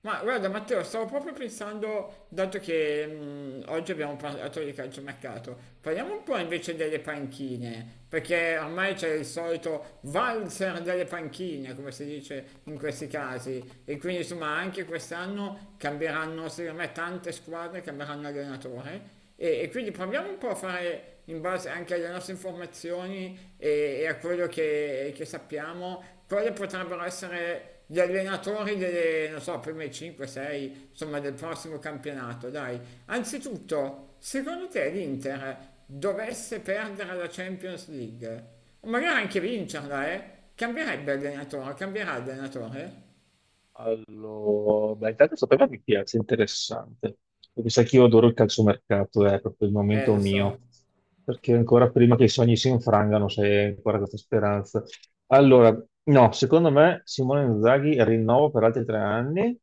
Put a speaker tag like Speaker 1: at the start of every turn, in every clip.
Speaker 1: Ma guarda Matteo, stavo proprio pensando, dato che oggi abbiamo parlato di calciomercato, parliamo un po' invece delle panchine, perché ormai c'è il solito valzer delle panchine, come si dice in questi casi, e quindi insomma anche quest'anno cambieranno, secondo me, tante squadre cambieranno allenatore. E quindi proviamo un po' a fare, in base anche alle nostre informazioni e a quello che sappiamo, quali potrebbero essere gli allenatori delle, non so, prime 5, 6, insomma del prossimo campionato, dai. Anzitutto, secondo te l'Inter dovesse perdere la Champions League, o magari anche vincerla, eh? Cambierebbe allenatore, cambierà allenatore?
Speaker 2: Allora, beh, intanto sapeva che piace, interessante. Perché sai che io adoro il calciomercato, è proprio il momento
Speaker 1: Lo so.
Speaker 2: mio. Perché ancora prima che i sogni si infrangano, c'è ancora questa speranza. Allora, no, secondo me Simone Inzaghi rinnovo per altri 3 anni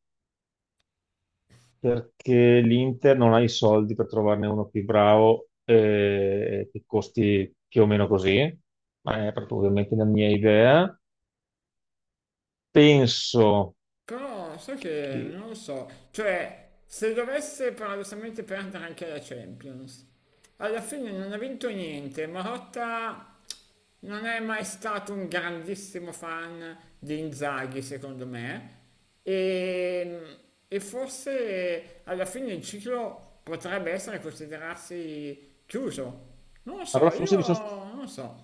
Speaker 2: perché l'Inter non ha i soldi per trovarne uno più bravo che costi più o meno così. Ma è proprio ovviamente la mia idea. Penso
Speaker 1: Però sai che
Speaker 2: che...
Speaker 1: non lo so, cioè se dovesse paradossalmente perdere anche la Champions, alla fine non ha vinto niente, Marotta non è mai stato un grandissimo fan di Inzaghi secondo me e, e forse alla fine il ciclo potrebbe essere considerarsi chiuso. Non lo so,
Speaker 2: Allora,
Speaker 1: io
Speaker 2: forse mi sono
Speaker 1: non lo so,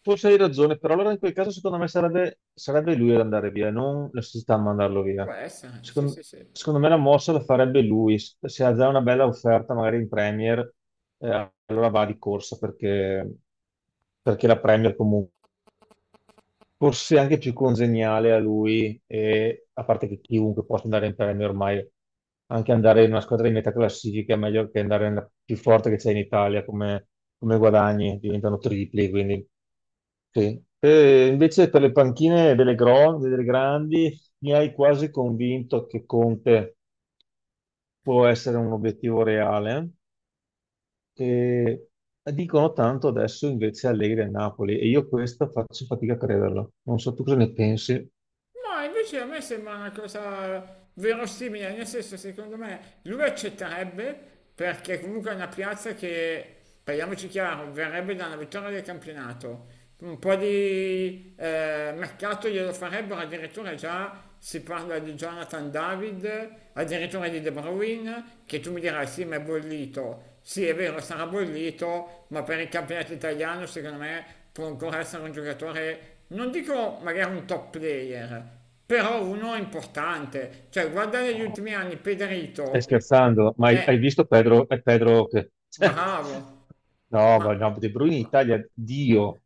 Speaker 2: Forse hai ragione, però allora in quel caso secondo me sarebbe lui ad andare via, non la società a mandarlo
Speaker 1: può
Speaker 2: via.
Speaker 1: essere, sì
Speaker 2: Secon-
Speaker 1: sì sì.
Speaker 2: Secondo, me la mossa la farebbe lui, se ha già una bella offerta magari in Premier, allora va di corsa perché, perché la Premier comunque forse anche più congeniale a lui, e, a parte che chiunque possa andare in premio ormai, anche andare in una squadra di metà classifica è meglio che andare nella più forte che c'è in Italia come, come guadagni, diventano tripli, quindi sì. E invece per le panchine delle, delle grandi mi hai quasi convinto che Conte può essere un obiettivo reale. E dicono tanto adesso invece Allegri a Napoli e io questo faccio fatica a crederlo. Non so tu cosa ne pensi.
Speaker 1: Ma invece a me sembra una cosa verosimile, nel senso secondo me lui accetterebbe perché comunque è una piazza che, parliamoci chiaro, verrebbe da una vittoria del campionato. Un po' di mercato glielo farebbero, addirittura già si parla di Jonathan David, addirittura di De Bruyne, che tu mi dirai sì, ma è bollito. Sì, è vero, sarà bollito, ma per il campionato italiano secondo me può ancora essere un giocatore, non dico magari un top player, però uno importante. Cioè, guardare gli
Speaker 2: No,
Speaker 1: ultimi anni,
Speaker 2: stai
Speaker 1: Pederito
Speaker 2: scherzando, ma hai
Speaker 1: è
Speaker 2: visto Pedro, Pedro che... cioè,
Speaker 1: bravo,
Speaker 2: no,
Speaker 1: ma
Speaker 2: ma no, De Bruyne in
Speaker 1: ma-
Speaker 2: Italia, Dio,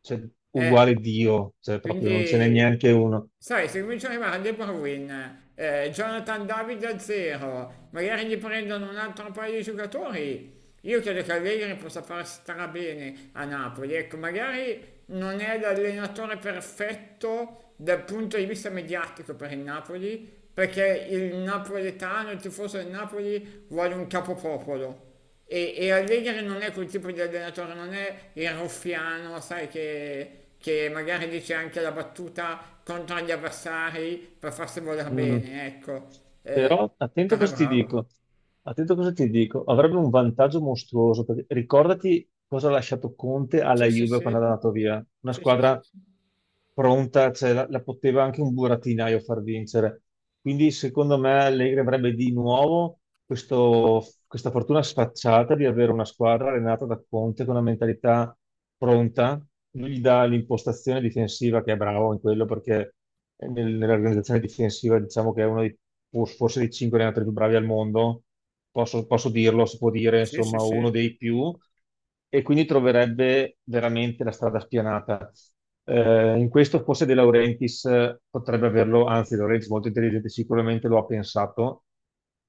Speaker 2: cioè,
Speaker 1: è
Speaker 2: uguale Dio, cioè, proprio non ce n'è
Speaker 1: Quindi,
Speaker 2: neanche uno.
Speaker 1: sai, se cominciano ad arrivare De Bruyne, Jonathan David a zero, magari gli prendono un altro paio di giocatori, io credo che Allegri possa far strabene a Napoli. Ecco, magari non è l'allenatore perfetto dal punto di vista mediatico per il Napoli, perché il napoletano, il tifoso del Napoli, vuole un capopopolo. E Allegri non è quel tipo di allenatore, non è il ruffiano, sai, che magari dice anche la battuta contro gli avversari per farsi voler
Speaker 2: Mm.
Speaker 1: bene, ecco.
Speaker 2: Però attento a
Speaker 1: Però è
Speaker 2: cosa ti
Speaker 1: bravo.
Speaker 2: dico, attento a cosa ti dico, avrebbe un vantaggio mostruoso, perché ricordati cosa ha lasciato Conte alla
Speaker 1: Sì, sì,
Speaker 2: Juve
Speaker 1: sì,
Speaker 2: quando è andato via, una
Speaker 1: sì, sì, sì,
Speaker 2: squadra
Speaker 1: sì,
Speaker 2: pronta, cioè, la poteva anche un burattinaio far vincere, quindi secondo me Allegri avrebbe di nuovo questa fortuna sfacciata di avere una squadra allenata da Conte con una mentalità pronta, lui gli dà l'impostazione difensiva che è bravo in quello perché nell'organizzazione difensiva, diciamo che è uno dei forse dei cinque allenatori più bravi al mondo, posso dirlo, si può dire,
Speaker 1: sì, sì,
Speaker 2: insomma, uno
Speaker 1: sì.
Speaker 2: dei più, e quindi troverebbe veramente la strada spianata. In questo forse De Laurentiis potrebbe averlo, anzi, De Laurentiis molto intelligente, sicuramente lo ha pensato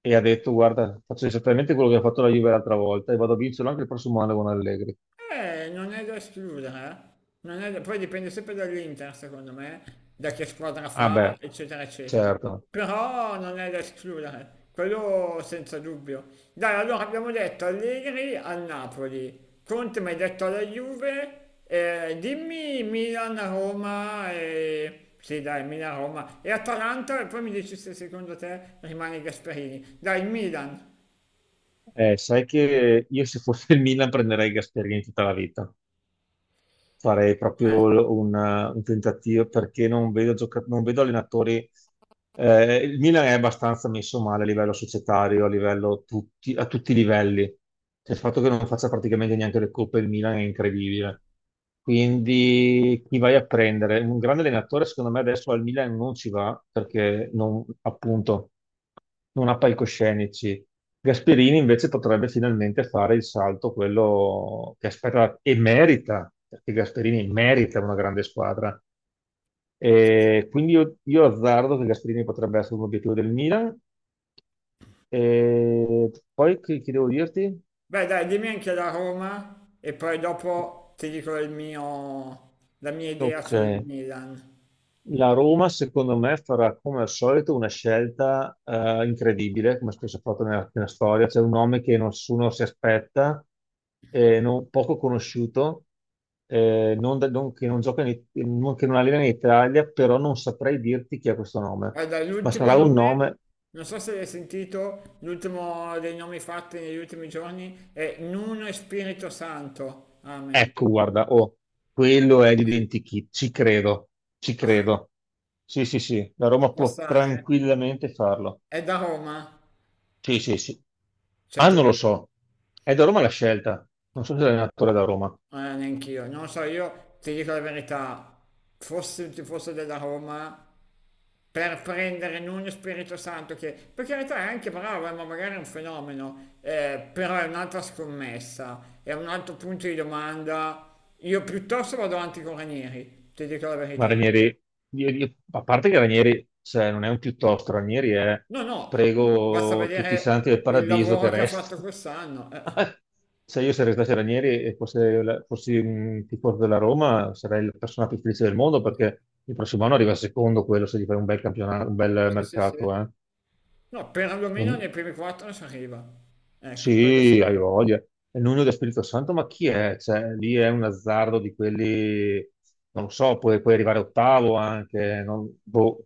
Speaker 2: e ha detto: guarda, faccio esattamente quello che ha fatto la Juve l'altra volta e vado a vincerlo anche il prossimo anno con Allegri.
Speaker 1: Non è da escludere, eh. Non è da- Poi dipende sempre dall'Inter, secondo me, da che squadra
Speaker 2: Ah,
Speaker 1: fa,
Speaker 2: beh,
Speaker 1: eccetera, eccetera.
Speaker 2: certo.
Speaker 1: Però non è da escludere, quello senza dubbio. Dai, allora abbiamo detto Allegri al Napoli, Conte mi hai detto alla Juve, dimmi Sì, dai, Milan, Roma e Atalanta e poi mi dici se secondo te rimane Gasperini. Dai, Milan.
Speaker 2: Sai che io se fossi il Milan prenderei Gasperini tutta la vita. Farei
Speaker 1: Eh,
Speaker 2: proprio un tentativo perché non vedo, non vedo allenatori. Il Milan è abbastanza messo male a livello societario, a livello tutti, a tutti i livelli. Cioè, il fatto che non faccia praticamente neanche le coppe il Milan è incredibile. Quindi chi vai a prendere? Un grande allenatore, secondo me, adesso al Milan non ci va perché non, appunto non ha palcoscenici. Gasperini invece potrebbe finalmente fare il salto, quello che aspetta e merita, perché Gasperini merita una grande squadra. E quindi io azzardo che Gasperini potrebbe essere un obiettivo del Milan. E poi che devo dirti?
Speaker 1: Beh, dai, dimmi anche la Roma e poi dopo ti dico la mia idea
Speaker 2: Ok.
Speaker 1: sul Milan.
Speaker 2: La Roma, secondo me, farà come al solito una scelta incredibile, come spesso ha fatto nella storia. C'è un nome che nessuno si aspetta, poco conosciuto, non da- non- che non gioca in, che non allena in Italia, però non saprei dirti chi è questo nome.
Speaker 1: Guarda,
Speaker 2: Ma
Speaker 1: l'ultimo
Speaker 2: sarà un
Speaker 1: nome,
Speaker 2: nome,
Speaker 1: non so se l'hai sentito, l'ultimo dei nomi fatti negli ultimi giorni è Nuno e Spirito Santo. Amen.
Speaker 2: ecco, guarda, oh, quello è l'identikit, ci credo, ci credo. Sì, sì, sì, la
Speaker 1: Ci
Speaker 2: Roma
Speaker 1: può
Speaker 2: può
Speaker 1: stare?
Speaker 2: tranquillamente farlo.
Speaker 1: È da Roma.
Speaker 2: Sì, sì, sì. Ah,
Speaker 1: Certo
Speaker 2: non lo
Speaker 1: che
Speaker 2: so. È da Roma la scelta. Non so se l'allenatore è da Roma.
Speaker 1: Neanch'io, non lo so, io ti dico la verità, fossi un tifoso della Roma, per prendere Nuno Spirito Santo, che per carità è anche bravo, ma magari è un fenomeno, però è un'altra scommessa, è un altro punto di domanda. Io piuttosto vado avanti con Ranieri, ti dico la
Speaker 2: Ma
Speaker 1: verità.
Speaker 2: Ranieri, a parte che Ranieri, cioè, non è un piuttosto, Ranieri è
Speaker 1: No, no, basta
Speaker 2: prego tutti i santi
Speaker 1: vedere
Speaker 2: del
Speaker 1: il
Speaker 2: paradiso
Speaker 1: lavoro
Speaker 2: che
Speaker 1: che ha fatto
Speaker 2: resti.
Speaker 1: quest'anno. Eh.
Speaker 2: Se io sarei stato Ranieri e fossi un tifoso della Roma, sarei la persona più felice del mondo perché il prossimo anno arriva secondo quello se gli fai un bel campionato, un bel
Speaker 1: Sì, sì, sì.
Speaker 2: mercato, eh.
Speaker 1: No, perlomeno
Speaker 2: E
Speaker 1: nei primi quattro si arriva. Ecco, quello
Speaker 2: sì,
Speaker 1: sì.
Speaker 2: hai voglia. È il nonno dello Spirito Santo, ma chi è? Cioè, lì è un azzardo di quelli, non lo so, puoi arrivare ottavo anche. Non- boh.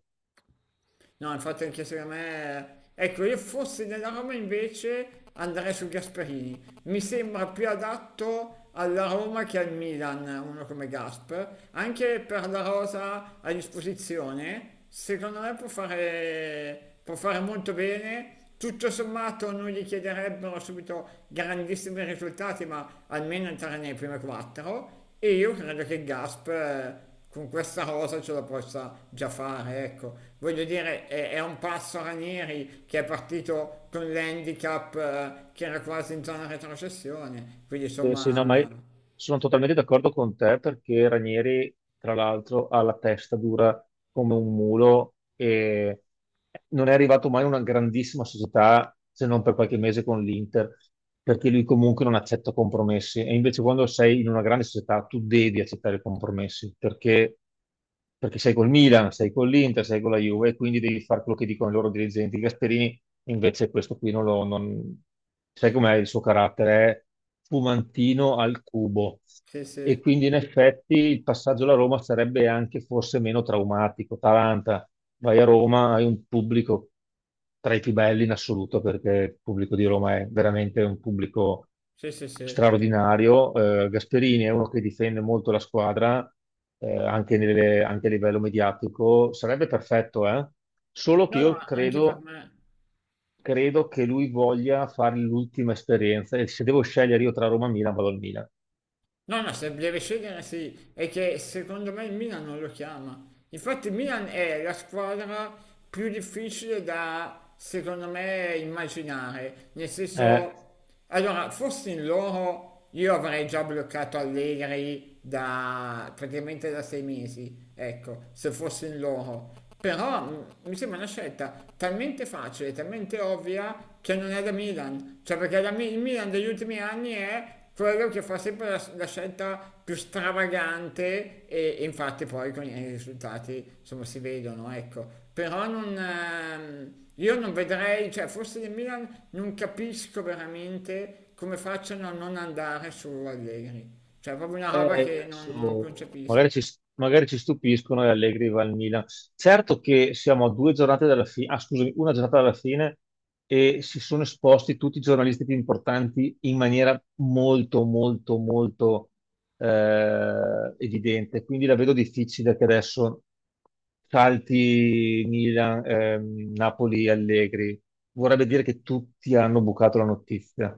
Speaker 1: No, infatti anche secondo me. Ecco, io fossi della Roma invece andrei su Gasperini. Mi sembra più adatto alla Roma che al Milan, uno come Gasp. Anche per la rosa a disposizione, secondo me può fare molto bene. Tutto sommato non gli chiederebbero subito grandissimi risultati, ma almeno entrare nei primi quattro. E io credo che Gasp con questa rosa ce la possa già fare, ecco. Voglio dire, è un passo Ranieri che è partito con l'handicap che era quasi in zona retrocessione, quindi
Speaker 2: Sì, no, ma
Speaker 1: insomma,
Speaker 2: io sono totalmente d'accordo con te perché Ranieri, tra l'altro, ha la testa dura come un mulo e non è arrivato mai in una grandissima società se non per qualche mese con l'Inter, perché lui comunque non accetta compromessi. E invece quando sei in una grande società tu devi accettare compromessi perché, perché sei col Milan, sei con l'Inter, sei con la Juve, e quindi devi fare quello che dicono i loro dirigenti. Gasperini invece questo qui non lo... non- Sai com'è il suo carattere? È fumantino al cubo.
Speaker 1: sì,
Speaker 2: E
Speaker 1: sì,
Speaker 2: quindi in effetti il passaggio alla Roma sarebbe anche forse meno traumatico. Taranta, vai a Roma, hai un pubblico tra i più belli in assoluto, perché il pubblico di Roma è veramente un pubblico
Speaker 1: sì, sì, sì.
Speaker 2: straordinario. Gasperini è uno che difende molto la squadra, anche, anche a livello mediatico. Sarebbe perfetto, eh? Solo che
Speaker 1: No, no,
Speaker 2: io
Speaker 1: anche per
Speaker 2: credo,
Speaker 1: me.
Speaker 2: credo che lui voglia fare l'ultima esperienza e se devo scegliere io tra Roma e Milan, vado al Milan.
Speaker 1: No, no, se deve scegliere sì, è che secondo me il Milan non lo chiama. Infatti il Milan è la squadra più difficile da, secondo me, immaginare. Nel
Speaker 2: Eh,
Speaker 1: senso, allora, fossi in loro, io avrei già bloccato Allegri da praticamente da 6 mesi, ecco, se fossi in loro. Però mi sembra una scelta talmente facile, talmente ovvia che non è da Milan. Cioè, perché il Milan degli ultimi anni è quello che fa sempre la scelta più stravagante e infatti poi con i risultati insomma si vedono, ecco. Però non, io non vedrei, cioè forse del Milan non capisco veramente come facciano a non andare su Allegri. Cioè è proprio una roba
Speaker 2: Eh,
Speaker 1: che non
Speaker 2: adesso magari ci,
Speaker 1: concepisco.
Speaker 2: magari ci stupiscono e Allegri va al Milan. Certo che siamo a 2 giornate dalla fine, ah, scusami, una giornata dalla fine e si sono esposti tutti i giornalisti più importanti in maniera molto, molto, molto evidente. Quindi la vedo difficile che adesso salti Milan, Napoli, Allegri. Vorrebbe dire che tutti hanno bucato la notizia.